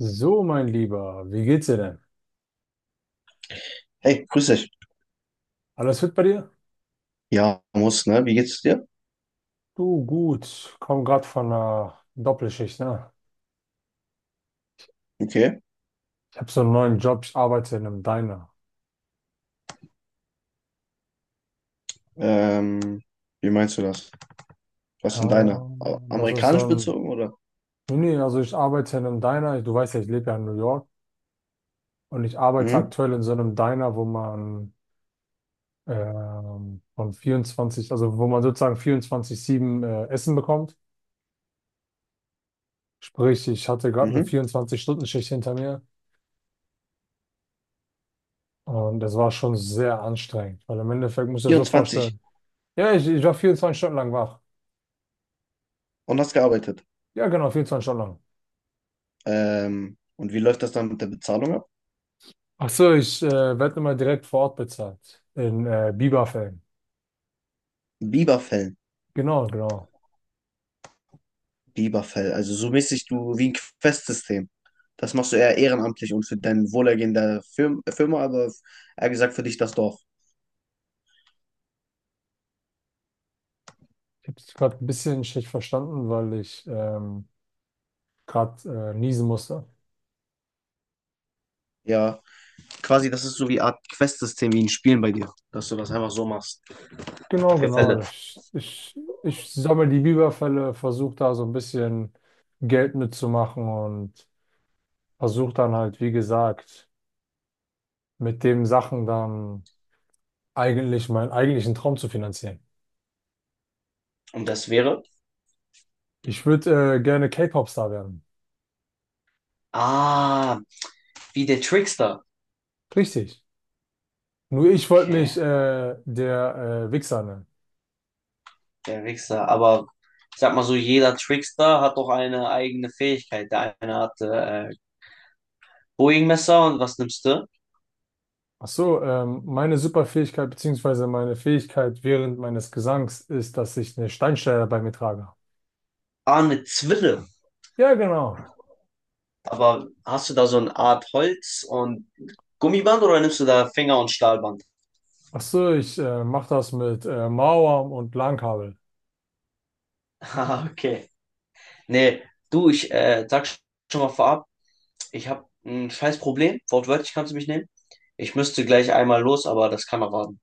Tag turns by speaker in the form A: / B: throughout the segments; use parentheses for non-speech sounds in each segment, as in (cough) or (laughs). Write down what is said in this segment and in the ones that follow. A: So, mein Lieber, wie geht's dir denn?
B: Hey, grüß dich.
A: Alles fit bei dir?
B: Ja, muss, ne? Wie geht's dir?
A: Du, gut. Komm gerade von einer Doppelschicht, ne?
B: Okay.
A: Ich habe so einen neuen Job, ich arbeite in einem Diner.
B: Ähm, Wie meinst du das? Was ist denn deiner?
A: Ja, das ist so
B: Amerikanisch
A: ein.
B: bezogen, oder?
A: Nee, nee, also ich arbeite in einem Diner. Du weißt ja, ich lebe ja in New York. Und ich arbeite
B: Mhm,
A: aktuell in so einem Diner, wo man von 24, also wo man sozusagen 24-7 Essen bekommt. Sprich, ich hatte gerade eine
B: mhm.
A: 24-Stunden-Schicht hinter mir. Und das war schon sehr anstrengend, weil im Endeffekt muss ich dir so
B: Vierundzwanzig.
A: vorstellen. Ja, ich war 24 Stunden lang wach.
B: Und hast gearbeitet.
A: Ja, genau, vierundzwanzig Stunden lang.
B: Und wie läuft das dann mit der Bezahlung ab?
A: Ach so, ich werde immer direkt vor Ort bezahlt. In Bieberfällen.
B: Biberfell.
A: Genau, genau.
B: Biberfell. Also so mäßig du wie ein Questsystem. Das machst du eher ehrenamtlich und für dein Wohlergehen der Firma, aber eher gesagt für dich das Dorf.
A: Ich habe es gerade ein bisschen schlecht verstanden, weil ich gerade niesen musste.
B: Ja, quasi das ist so wie eine Art Questsystem wie in Spielen bei dir, dass du das einfach so machst.
A: Genau,
B: Für
A: genau.
B: Fälle.
A: Ich sammle die Biberfälle, versuche da so ein bisschen Geld mitzumachen und versuche dann halt, wie gesagt, mit dem Sachen dann eigentlich meinen eigentlichen Traum zu finanzieren.
B: Und das wäre?
A: Ich würde gerne K-Pop-Star werden.
B: Ah, wie der Trickster.
A: Richtig. Nur ich wollte
B: Okay,
A: mich der Wichser nennen.
B: der Wichser. Aber ich sag mal so, jeder Trickster hat doch eine eigene Fähigkeit. Der eine hat Boeing-Messer und was nimmst du?
A: Ach so, meine Superfähigkeit beziehungsweise meine Fähigkeit während meines Gesangs ist, dass ich eine Steinschleuder bei mir trage.
B: Ah, eine Zwille.
A: Ja, genau.
B: Aber hast du da so eine Art Holz und Gummiband oder nimmst du da Finger- und Stahlband?
A: Ach so, ich mache das mit Mauern und Langkabel.
B: (laughs) Ah, okay. Nee, du, ich sag schon mal vorab, ich habe ein scheiß Problem. Wortwörtlich kannst du mich nehmen. Ich müsste gleich einmal los, aber das kann erwarten.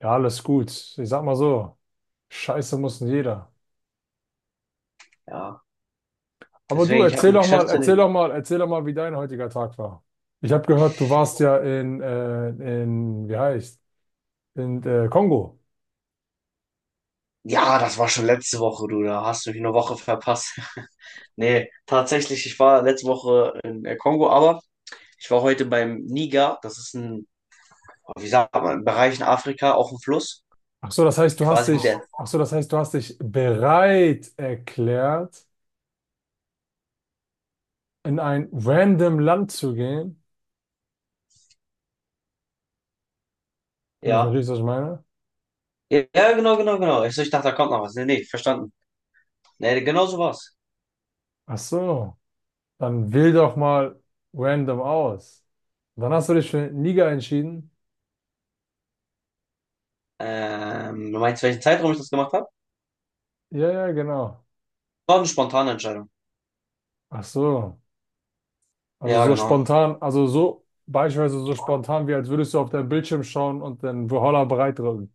A: Ja, alles gut. Ich sag mal so, Scheiße muss nicht jeder.
B: Ja,
A: Aber du,
B: deswegen, ich habe eine Geschäftsidee.
A: erzähl doch mal, wie dein heutiger Tag war. Ich habe gehört, du warst ja in, wie heißt, in Kongo.
B: Ja, das war schon letzte Woche, du. Da hast du mich eine Woche verpasst. (laughs) Nee, tatsächlich, ich war letzte Woche in der Kongo, aber ich war heute beim Niger. Das ist ein, oh, wie sagt man, ein Bereich in Afrika, auch ein Fluss.
A: Ach so,
B: Quasi wie der.
A: das heißt, du hast dich bereit erklärt, in ein random Land zu gehen. Wenn du
B: Ja.
A: verstehst, was ich meine?
B: Ja, ja, genau, genau, genau. Ich, so, ich dachte, da kommt noch was. Nee, nee, verstanden. Nee, genau so war's.
A: Ach so, dann wähl doch mal random aus. Dann hast du dich für Niger entschieden.
B: Du meinst, welchen Zeitraum ich das gemacht habe?
A: Ja, ja, genau.
B: War eine spontane Entscheidung.
A: Ach so. Also
B: Ja,
A: so
B: genau.
A: spontan, also so beispielsweise so spontan, wie als würdest du auf deinen Bildschirm schauen und den Valhalla bereit drücken.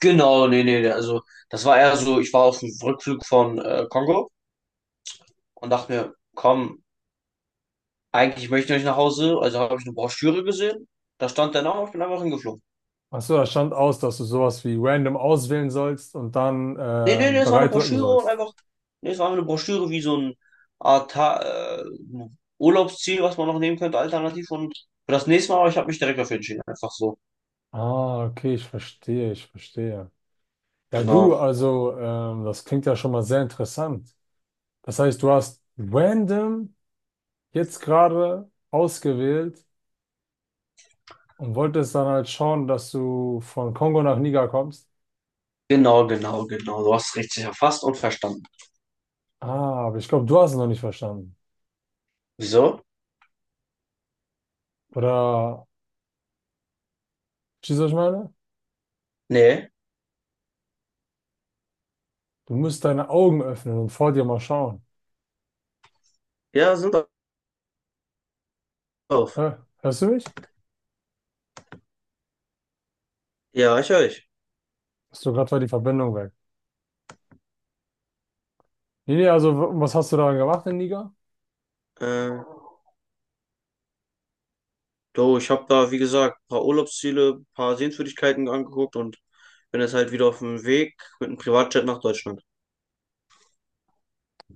B: Genau, nee, nee, also das war eher so, ich war auf dem Rückflug von Kongo und dachte mir, komm, eigentlich möchte ich nicht nach Hause, also habe ich eine Broschüre gesehen. Da stand der Name, ich bin einfach hingeflogen.
A: Ach so, da stand aus, dass du sowas wie random auswählen sollst und dann
B: Nee, nee, nee, es war eine
A: bereit drücken
B: Broschüre und
A: sollst.
B: einfach, nee, es war einfach eine Broschüre wie so ein Art äh, Urlaubsziel, was man noch nehmen könnte, alternativ. Und für das nächste Mal, aber ich habe mich direkt dafür entschieden, einfach so.
A: Ah, okay, ich verstehe. Ja, du,
B: Genau,
A: also, das klingt ja schon mal sehr interessant. Das heißt, du hast random jetzt gerade ausgewählt und wolltest dann halt schauen, dass du von Kongo nach Niger kommst.
B: genau, genau, genau. Du hast es richtig erfasst und verstanden.
A: Ah, aber ich glaube, du hast es noch nicht verstanden.
B: Wieso?
A: Oder, verstehst du, was ich meine?
B: Nee.
A: Du musst deine Augen öffnen und vor dir mal schauen.
B: Ja, sind auf.
A: Hä? Hörst du mich?
B: Ja, ich höre dich.
A: Hast du gerade war die Verbindung weg? Nee, nee, also, was hast du daran gemacht in Niger?
B: Äh, Du, ich habe da, wie gesagt, ein paar Urlaubsziele, ein paar Sehenswürdigkeiten angeguckt und bin jetzt halt wieder auf dem Weg mit einem Privatjet nach Deutschland.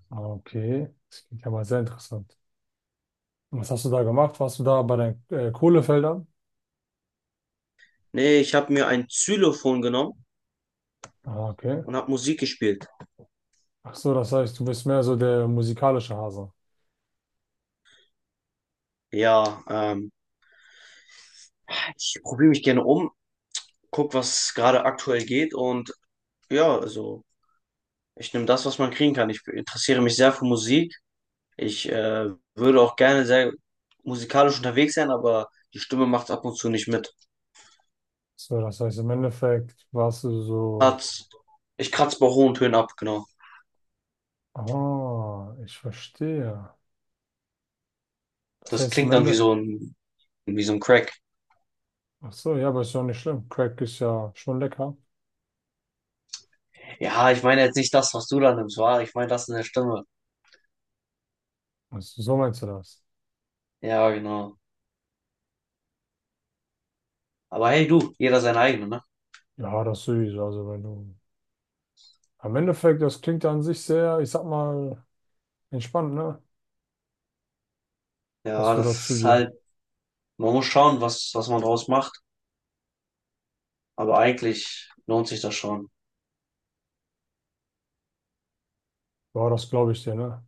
A: Ah, okay, das klingt ja mal sehr interessant. Und was hast du da gemacht? Warst du da bei den Kohlefeldern?
B: Nee, ich habe mir ein Xylophon genommen
A: Ah, okay.
B: und habe Musik gespielt.
A: Ach so, das heißt, du bist mehr so der musikalische Hase.
B: Ja, ich probiere mich gerne um, guck, was gerade aktuell geht und ja, also ich nehme das, was man kriegen kann. Ich interessiere mich sehr für Musik. Ich würde auch gerne sehr musikalisch unterwegs sein, aber die Stimme macht ab und zu nicht mit.
A: So, das heißt, im Endeffekt warst du so,
B: Kratz- Ich kratze bei hohen Tönen ab, genau.
A: ah, ich verstehe. Das
B: Das
A: heißt, im
B: klingt dann wie
A: Ende,
B: so ein wie so ein Crack.
A: ach so, ja, aber ist ja nicht schlimm. Crack ist ja schon lecker.
B: Ja, ich meine jetzt nicht das, was du da nimmst, war. Ich meine das in der Stimme.
A: Also, so meinst du das?
B: Ja, genau. Aber hey, du, jeder sein eigener, ne?
A: Ja, das sowieso. Also, wenn du, am Endeffekt, das klingt ja an sich sehr, ich sag mal, entspannt, ne? Was
B: Ja,
A: du
B: das
A: da zu
B: ist
A: dir,
B: halt, man muss schauen, was, was man draus macht. Aber eigentlich lohnt sich das schon.
A: ja, das glaube ich dir, ne?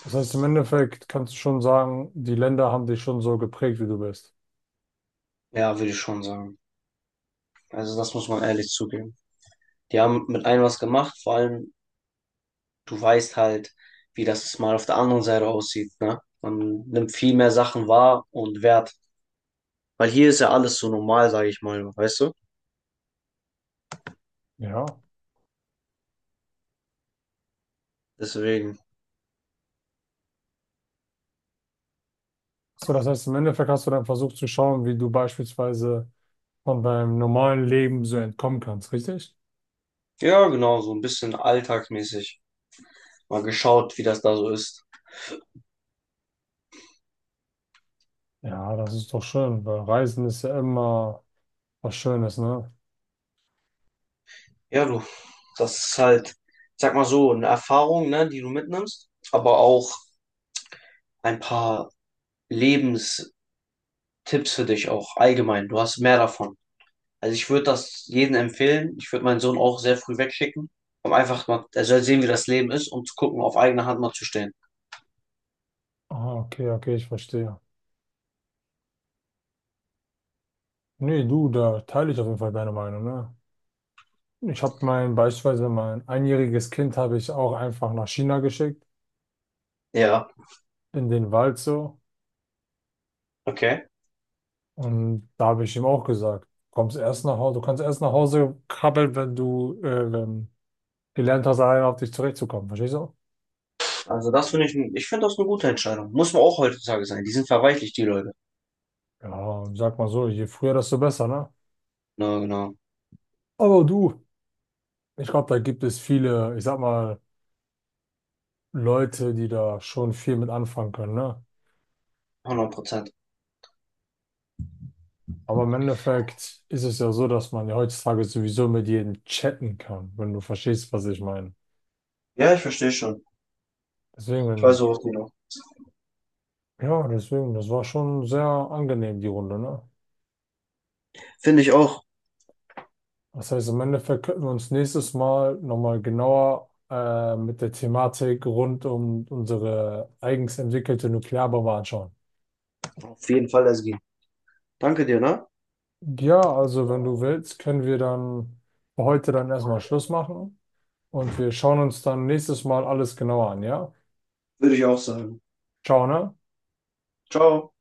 A: Das heißt, im Endeffekt kannst du schon sagen, die Länder haben dich schon so geprägt, wie du bist.
B: Ja, würde ich schon sagen. Also, das muss man ehrlich zugeben. Die haben mit einem was gemacht, vor allem, du weißt halt, wie das mal auf der anderen Seite aussieht, ne? Man nimmt viel mehr Sachen wahr und wert. Weil hier ist ja alles so normal, sage ich mal, weißt du?
A: Ja.
B: Deswegen.
A: So, das heißt, im Endeffekt hast du dann versucht zu schauen, wie du beispielsweise von deinem normalen Leben so entkommen kannst, richtig?
B: Ja, genau, so ein bisschen alltagsmäßig. Mal geschaut, wie das da so ist.
A: Ja, das ist doch schön, weil Reisen ist ja immer was Schönes, ne?
B: Ja, du, das ist halt, sag mal so, eine Erfahrung, ne, die du mitnimmst, aber auch ein paar Lebenstipps für dich auch allgemein. Du hast mehr davon. Also ich würde das jedem empfehlen. Ich würde meinen Sohn auch sehr früh wegschicken, um einfach mal, er soll sehen, wie das Leben ist, um zu gucken, auf eigene Hand mal zu stehen.
A: Ah, okay, ich verstehe. Nee, du, da teile ich auf jeden Fall deine Meinung, ne? Beispielsweise mein einjähriges Kind habe ich auch einfach nach China geschickt,
B: Ja,
A: in den Wald so.
B: okay.
A: Und da habe ich ihm auch gesagt, kommst erst nach Hause, du kannst erst nach Hause krabbeln, wenn du gelernt hast, alleine auf dich zurechtzukommen. Verstehst du?
B: Also das finde ich, ich finde das eine gute Entscheidung. Muss man auch heutzutage sein. Die sind verweichlicht, die Leute.
A: Ja, und sag mal so, je früher, desto besser, ne?
B: Na, genau.
A: Aber du, ich glaube, da gibt es viele, ich sag mal, Leute, die da schon viel mit anfangen können, ne?
B: 100%.
A: Aber im Endeffekt ist es ja so, dass man ja heutzutage sowieso mit jedem chatten kann, wenn du verstehst, was ich meine.
B: Ja, ich verstehe schon.
A: Deswegen,
B: Ich weiß,
A: wenn,
B: worauf du noch.
A: ja, deswegen, das war schon sehr angenehm, die Runde, ne?
B: Finde ich auch.
A: Das heißt, im Endeffekt könnten wir uns nächstes Mal nochmal genauer mit der Thematik rund um unsere eigens entwickelte Nuklearbombe anschauen.
B: Auf jeden Fall, Ezgi. Danke dir, ne?
A: Ja, also wenn du willst, können wir dann für heute dann erstmal Schluss machen und wir schauen uns dann nächstes Mal alles genauer an, ja?
B: Würde ich auch sagen.
A: Ciao, ne?
B: Ciao.